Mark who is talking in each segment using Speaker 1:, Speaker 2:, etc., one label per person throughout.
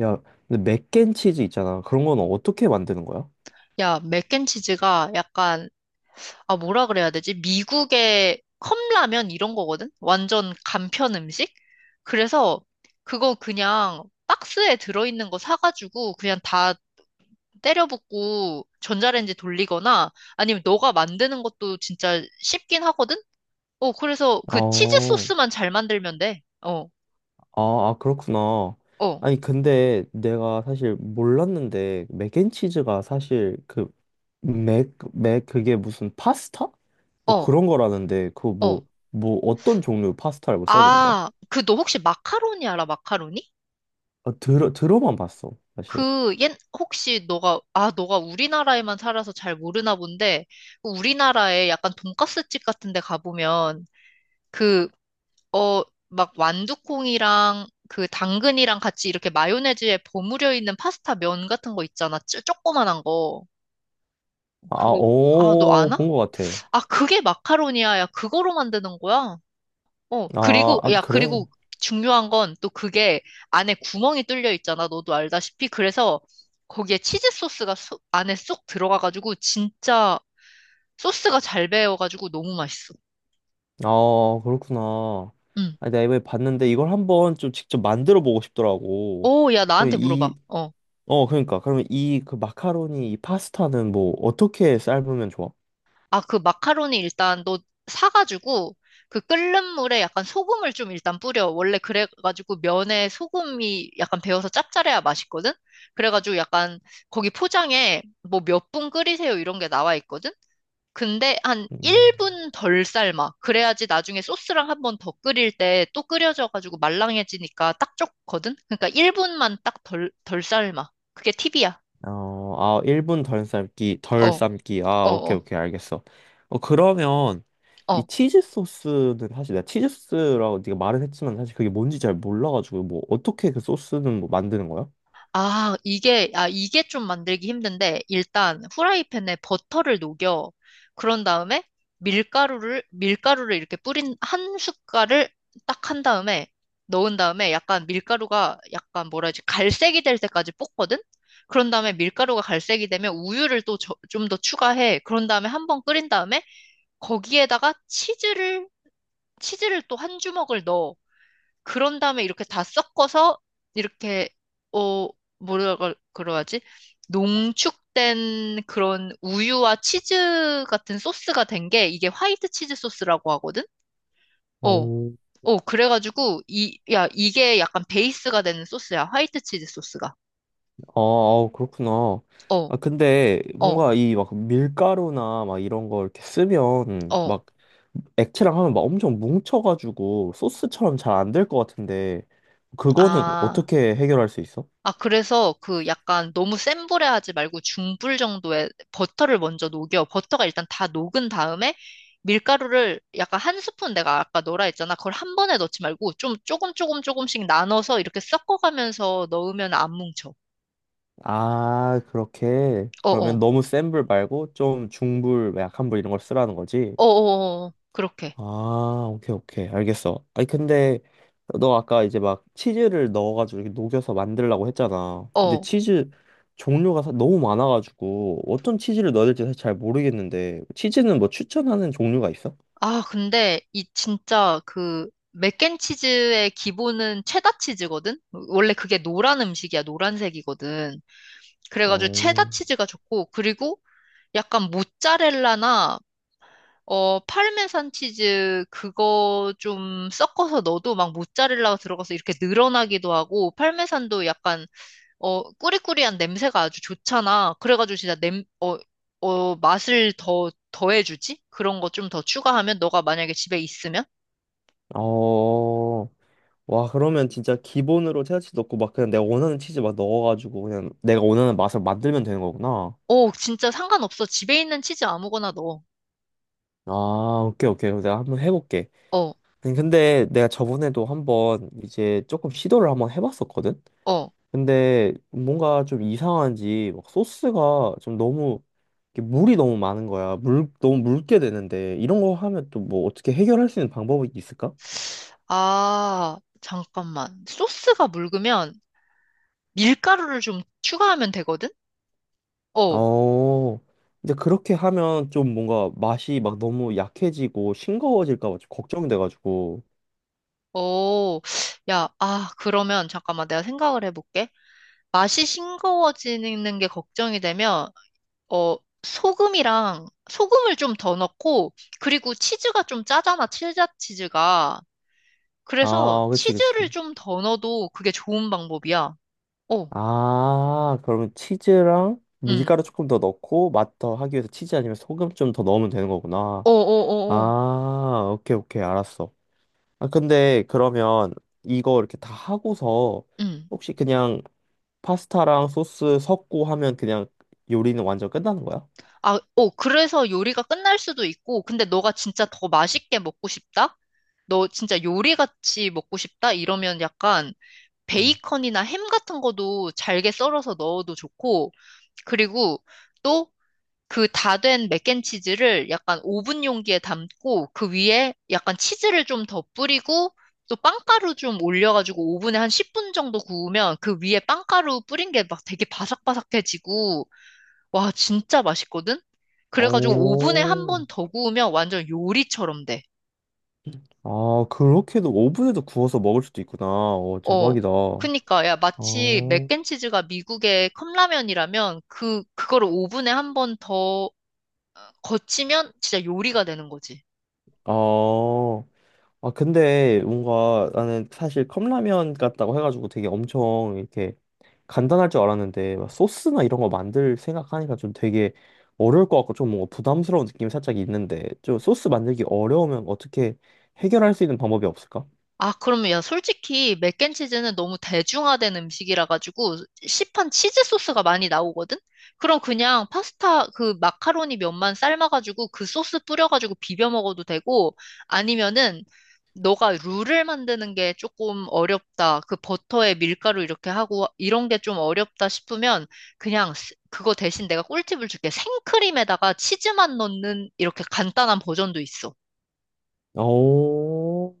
Speaker 1: 야, 근데 맥앤치즈 있잖아. 그런 건 어떻게 만드는 거야?
Speaker 2: 야, 맥앤치즈가 약간, 아, 뭐라 그래야 되지? 미국의 컵라면 이런 거거든? 완전 간편 음식? 그래서 그거 그냥 박스에 들어있는 거 사가지고 그냥 다 때려 붓고 전자레인지 돌리거나 아니면 너가 만드는 것도 진짜 쉽긴 하거든? 그래서 그 치즈
Speaker 1: 어,
Speaker 2: 소스만 잘 만들면 돼. 어,
Speaker 1: 아, 아, 그렇구나.
Speaker 2: 어,
Speaker 1: 아니, 근데 내가 사실 몰랐는데, 맥앤치즈가 사실 그, 그게 무슨 파스타? 뭐
Speaker 2: 어,
Speaker 1: 그런 거라는데, 그
Speaker 2: 어.
Speaker 1: 뭐, 뭐 어떤 종류 파스타라고 써야 되는 거야?
Speaker 2: 아, 그 너 혹시 마카로니 알아? 마카로니?
Speaker 1: 아, 들어만 봤어, 사실.
Speaker 2: 그, 옛, 혹시 너가, 아, 너가 우리나라에만 살아서 잘 모르나 본데, 우리나라에 약간 돈가스집 같은 데 가보면, 그, 어, 막 완두콩이랑 그 당근이랑 같이 이렇게 마요네즈에 버무려 있는 파스타 면 같은 거 있잖아. 쪼, 조그만한 거.
Speaker 1: 아,
Speaker 2: 그거, 아, 너
Speaker 1: 오,
Speaker 2: 아나?
Speaker 1: 본 거 같아.
Speaker 2: 아, 그게 마카로니아야. 그거로 만드는 거야? 어,
Speaker 1: 아,
Speaker 2: 그리고,
Speaker 1: 아,
Speaker 2: 야,
Speaker 1: 그래.
Speaker 2: 그리고 중요한 건 또 그게 안에 구멍이 뚫려 있잖아. 너도 알다시피. 그래서 거기에 치즈 소스가 쏙- 안에 쏙 들어가가지고 진짜 소스가 잘 배어가지고 너무 맛있어.
Speaker 1: 아, 그렇구나.
Speaker 2: 응.
Speaker 1: 아니, 내가 이번에 봤는데 이걸 한번 좀 직접 만들어 보고 싶더라고.
Speaker 2: 오, 야,
Speaker 1: 그럼
Speaker 2: 나한테 물어봐.
Speaker 1: 이,
Speaker 2: 어.
Speaker 1: 어, 그러니까. 그러면 이 그 마카로니, 이 파스타는 뭐 어떻게 삶으면 좋아?
Speaker 2: 아, 그 마카로니 일단 너 사가지고 그 끓는 물에 약간 소금을 좀 일단 뿌려. 원래 그래가지고 면에 소금이 약간 배어서 짭짤해야 맛있거든? 그래가지고 약간 거기 포장에 뭐 몇 분 끓이세요 이런 게 나와 있거든? 근데 한
Speaker 1: 음,
Speaker 2: 1분 덜 삶아. 그래야지 나중에 소스랑 한 번 더 끓일 때 또 끓여져가지고 말랑해지니까 딱 좋거든? 그러니까 1분만 딱 덜 삶아. 그게 팁이야.
Speaker 1: 어, 아, 1분 덜 삶기, 덜
Speaker 2: 어,
Speaker 1: 삶기. 아,
Speaker 2: 어,
Speaker 1: 오케이,
Speaker 2: 어,
Speaker 1: 오케이, 알겠어. 어, 그러면 이
Speaker 2: 어.
Speaker 1: 치즈 소스는 사실 내가 치즈 소스라고 네가 말은 했지만 사실 그게 뭔지 잘 몰라가지고 뭐 어떻게 그 소스는 뭐 만드는 거야?
Speaker 2: 아, 이게 좀 만들기 힘든데, 일단 후라이팬에 버터를 녹여. 그런 다음에 밀가루를 이렇게 뿌린 한 숟갈을 딱 한 다음에 넣은 다음에 약간 밀가루가 약간 뭐라 해야지, 갈색이 될 때까지 볶거든? 그런 다음에 밀가루가 갈색이 되면 우유를 또 좀 더 추가해. 그런 다음에 한 번 끓인 다음에 거기에다가 치즈를, 치즈를 또 한 주먹을 넣어. 그런 다음에 이렇게 다 섞어서 이렇게 어 뭐라고 그러지? 농축된 그런 우유와 치즈 같은 소스가 된 게 이게 화이트 치즈 소스라고 하거든? 어.
Speaker 1: 어.
Speaker 2: 어, 그래가지고 이 야, 이게 약간 베이스가 되는 소스야. 화이트 치즈 소스가.
Speaker 1: 아, 아우, 그렇구나.
Speaker 2: 어.
Speaker 1: 아, 근데
Speaker 2: 어.
Speaker 1: 뭔가 이 막 밀가루나 막 이런 걸 이렇게 쓰면
Speaker 2: 어.
Speaker 1: 막 액체랑 하면 막 엄청 뭉쳐가지고 소스처럼 잘 안 될 것 같은데 그거는
Speaker 2: 아.
Speaker 1: 어떻게 해결할 수 있어?
Speaker 2: 아, 그래서 그 약간 너무 센 불에 하지 말고 중불 정도에 버터를 먼저 녹여. 버터가 일단 다 녹은 다음에 밀가루를 약간 한 스푼 내가 아까 넣으라 했잖아. 그걸 한 번에 넣지 말고 좀 조금 조금씩 나눠서 이렇게 섞어가면서 넣으면 안 뭉쳐.
Speaker 1: 아, 그렇게. 그러면
Speaker 2: 어어.
Speaker 1: 너무 센 불 말고 좀 중불, 약한 불 이런 걸 쓰라는 거지?
Speaker 2: 어어어. 그렇게.
Speaker 1: 아, 오케이, 오케이. 알겠어. 아니, 근데 너 아까 이제 막 치즈를 넣어가지고 이렇게 녹여서 만들라고 했잖아. 근데
Speaker 2: 어.
Speaker 1: 치즈 종류가 너무 많아가지고 어떤 치즈를 넣어야 될지 사실 잘 모르겠는데 치즈는 뭐 추천하는 종류가 있어?
Speaker 2: 아, 근데 이 진짜 그 맥앤치즈의 기본은 체다 치즈거든? 원래 그게 노란 음식이야. 노란색이거든. 그래가지고
Speaker 1: 어,
Speaker 2: 체다 치즈가 좋고 그리고 약간 모짜렐라나 파르메산 치즈 그거 좀 섞어서 넣어도 막 모짜렐라가 들어가서 이렇게 늘어나기도 하고 파르메산도 약간 꾸리꾸리한 냄새가 아주 좋잖아. 그래가지고 진짜 냄어 맛을 더 더해주지? 그런 거 좀 더 추가하면 너가 만약에 집에 있으면
Speaker 1: 어, 와, 그러면 진짜 기본으로 체다치 넣고 막 그냥 내가 원하는 치즈 막 넣어가지고 그냥 내가 원하는 맛을 만들면 되는 거구나.
Speaker 2: 오 진짜 상관없어. 집에 있는 치즈 아무거나 넣어.
Speaker 1: 아, 오케이, 오케이. 그럼 내가 한번 해볼게.
Speaker 2: 어
Speaker 1: 아니, 근데 내가 저번에도 한번 이제 조금 시도를 한번 해봤었거든?
Speaker 2: 어.
Speaker 1: 근데 뭔가 좀 이상한지 막 소스가 좀 너무 이렇게 물이 너무 많은 거야. 물 너무 묽게 되는데 이런 거 하면 또 뭐 어떻게 해결할 수 있는 방법이 있을까?
Speaker 2: 아 잠깐만 소스가 묽으면 밀가루를 좀 추가하면 되거든? 어.
Speaker 1: 어. 이제 그렇게 하면 좀 뭔가 맛이 막 너무 약해지고 싱거워질까 봐 좀 걱정돼가지고.
Speaker 2: 오, 야, 아, 그러면 잠깐만 내가 생각을 해볼게. 맛이 싱거워지는 게 걱정이 되면, 어, 소금을 좀 더 넣고, 그리고 치즈가 좀 짜잖아, 칠자 치즈가. 그래서
Speaker 1: 아, 그치, 그치.
Speaker 2: 치즈를 좀 더 넣어도 그게 좋은 방법이야. 어,
Speaker 1: 아, 그러면 치즈랑
Speaker 2: 응.
Speaker 1: 밀가루 조금 더 넣고 맛 더 하기 위해서 치즈 아니면 소금 좀 더 넣으면 되는 거구나.
Speaker 2: 어, 어, 어, 어.
Speaker 1: 아, 오케이, 오케이, 알았어. 아, 근데 그러면 이거 이렇게 다 하고서
Speaker 2: 응.
Speaker 1: 혹시 그냥 파스타랑 소스 섞고 하면 그냥 요리는 완전 끝나는 거야?
Speaker 2: 아, 어, 그래서 요리가 끝날 수도 있고, 근데 너가 진짜 더 맛있게 먹고 싶다? 너 진짜 요리같이 먹고 싶다? 이러면 약간,
Speaker 1: 음.
Speaker 2: 베이컨이나 햄 같은 거도 잘게 썰어서 넣어도 좋고, 그리고 또 그 다 된 맥앤치즈를 약간 오븐 용기에 담고, 그 위에 약간 치즈를 좀 더 뿌리고, 또 빵가루 좀 올려가지고 오븐에 한 10분 정도 구우면 그 위에 빵가루 뿌린 게 막 되게 바삭바삭해지고, 와, 진짜 맛있거든? 그래가지고 오븐에 한
Speaker 1: 오,
Speaker 2: 번 더 구우면 완전 요리처럼 돼.
Speaker 1: 아, 그렇게도 오븐에도 구워서 먹을 수도 있구나. 오,
Speaker 2: 어,
Speaker 1: 대박이다. 어,
Speaker 2: 그니까, 야, 마치 맥앤치즈가 미국의 컵라면이라면 그거를 오븐에 한 번 더 거치면 진짜 요리가 되는 거지.
Speaker 1: 어, 아, 근데 뭔가 나는 사실 컵라면 같다고 해가지고 되게 엄청 이렇게 간단할 줄 알았는데 막 소스나 이런 거 만들 생각하니까 좀 되게 어려울 것 같고 좀 뭔가 부담스러운 느낌이 살짝 있는데 좀 소스 만들기 어려우면 어떻게 해결할 수 있는 방법이 없을까?
Speaker 2: 아, 그러면 야, 솔직히 맥앤치즈는 너무 대중화된 음식이라 가지고 시판 치즈 소스가 많이 나오거든? 그럼 그냥 파스타 그 마카로니 면만 삶아가지고 그 소스 뿌려가지고 비벼 먹어도 되고 아니면은 너가 룰을 만드는 게 조금 어렵다. 그 버터에 밀가루 이렇게 하고 이런 게 좀 어렵다 싶으면 그냥 스- 그거 대신 내가 꿀팁을 줄게. 생크림에다가 치즈만 넣는 이렇게 간단한 버전도 있어.
Speaker 1: 오,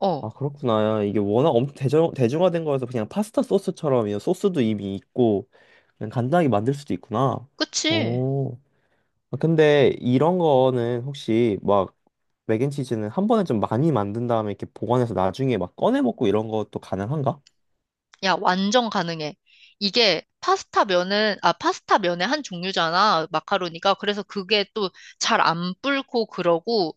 Speaker 2: 어,
Speaker 1: 아 그렇구나. 이게 워낙 엄청 대중화된 거여서 그냥 파스타 소스처럼 이 소스도 이미 있고 그냥 간단하게 만들 수도 있구나.
Speaker 2: 그치?
Speaker 1: 오, 아, 근데 이런 거는 혹시 막 맥앤치즈는 한 번에 좀 많이 만든 다음에 이렇게 보관해서 나중에 막 꺼내 먹고 이런 것도 가능한가?
Speaker 2: 야, 완전 가능해. 아, 파스타 면의 한 종류잖아, 마카로니가. 그래서 그게 또 잘 안 불고 그러고,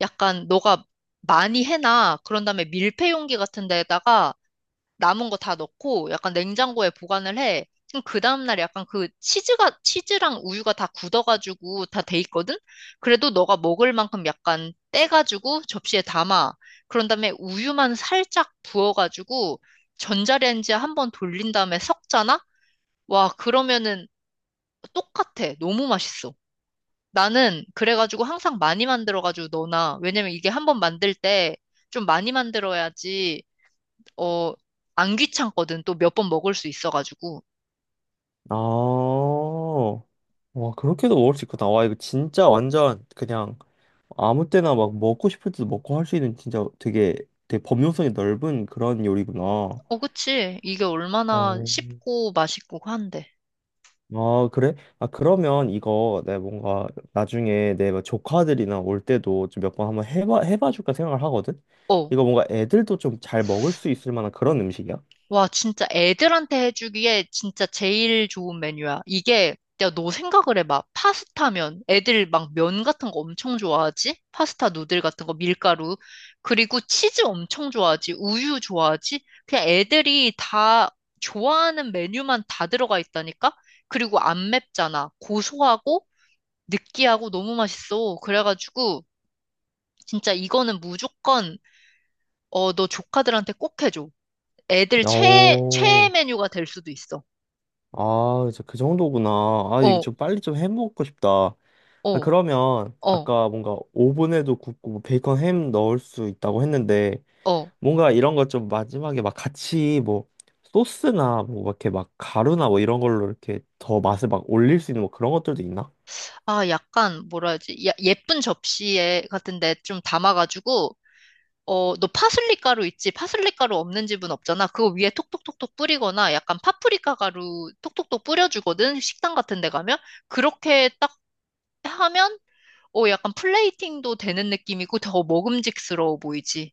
Speaker 2: 약간 너가 많이 해놔. 그런 다음에 밀폐 용기 같은 데다가 남은 거 다 넣고 약간 냉장고에 보관을 해. 그럼 그 다음날 약간 그 치즈랑 우유가 다 굳어가지고 다 돼 있거든? 그래도 너가 먹을 만큼 약간 떼가지고 접시에 담아. 그런 다음에 우유만 살짝 부어가지고 전자레인지에 한번 돌린 다음에 섞잖아? 와, 그러면은 똑같아. 너무 맛있어. 나는 그래가지고 항상 많이 만들어가지고 넣어놔. 왜냐면 이게 한번 만들 때 좀 많이 만들어야지 어, 안 귀찮거든. 또 몇 번 먹을 수 있어가지고.
Speaker 1: 아, 와, 그렇게도 먹을 수 있구나. 와, 이거 진짜 완전 그냥 아무 때나 막 먹고 싶을 때도 먹고 할 수 있는 진짜 되게 범용성이 넓은 그런 요리구나.
Speaker 2: 어, 그치. 이게 얼마나
Speaker 1: 어,
Speaker 2: 쉽고 맛있고 한데.
Speaker 1: 아, 그래? 아, 그러면 이거 내가 뭔가 나중에 내 막 조카들이나 올 때도 좀 몇 번 한번 해봐 줄까 생각을 하거든?
Speaker 2: 어,
Speaker 1: 이거 뭔가 애들도 좀 잘 먹을 수 있을 만한 그런 음식이야?
Speaker 2: 와, 진짜 애들한테 해주기에 진짜 제일 좋은 메뉴야. 이게, 야, 너 생각을 해봐. 파스타면 애들 막 면 같은 거 엄청 좋아하지? 파스타 누들 같은 거, 밀가루. 그리고 치즈 엄청 좋아하지? 우유 좋아하지? 그냥 애들이 다 좋아하는 메뉴만 다 들어가 있다니까? 그리고 안 맵잖아. 고소하고, 느끼하고 너무 맛있어. 그래가지고 진짜 이거는 무조건 어, 너 조카들한테 꼭 해줘. 애들 최 최애
Speaker 1: 오,
Speaker 2: 메뉴가 될 수도 있어.
Speaker 1: 아, 이제 그 정도구나. 아, 이거
Speaker 2: 어,
Speaker 1: 좀 빨리 좀 해먹고 싶다. 아,
Speaker 2: 어,
Speaker 1: 그러면
Speaker 2: 어,
Speaker 1: 아까 뭔가 오븐에도 굽고 뭐 베이컨 햄 넣을 수 있다고 했는데
Speaker 2: 어.
Speaker 1: 뭔가 이런 거 좀 마지막에 막 같이 뭐 소스나 뭐 이렇게 막 가루나 뭐 이런 걸로 이렇게 더 맛을 막 올릴 수 있는 뭐 그런 것들도 있나?
Speaker 2: 아, 약간 뭐라 해야지? 야- 예쁜 접시에 같은데 좀 담아가지고 어, 너 파슬리 가루 있지? 파슬리 가루 없는 집은 없잖아. 그거 위에 톡톡톡톡 뿌리거나 약간 파프리카 가루 톡톡톡 뿌려주거든. 식당 같은 데 가면. 그렇게 딱 하면 오, 약간 플레이팅도 되는 느낌이고 더 먹음직스러워 보이지.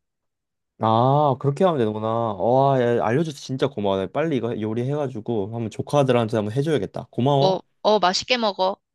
Speaker 1: 아 그렇게 하면 되는구나. 와 야, 알려줘서 진짜 고마워. 나 빨리 이거 요리해가지고 한번 조카들한테 한번 해줘야겠다.
Speaker 2: 어,
Speaker 1: 고마워.
Speaker 2: 어, 맛있게 먹어.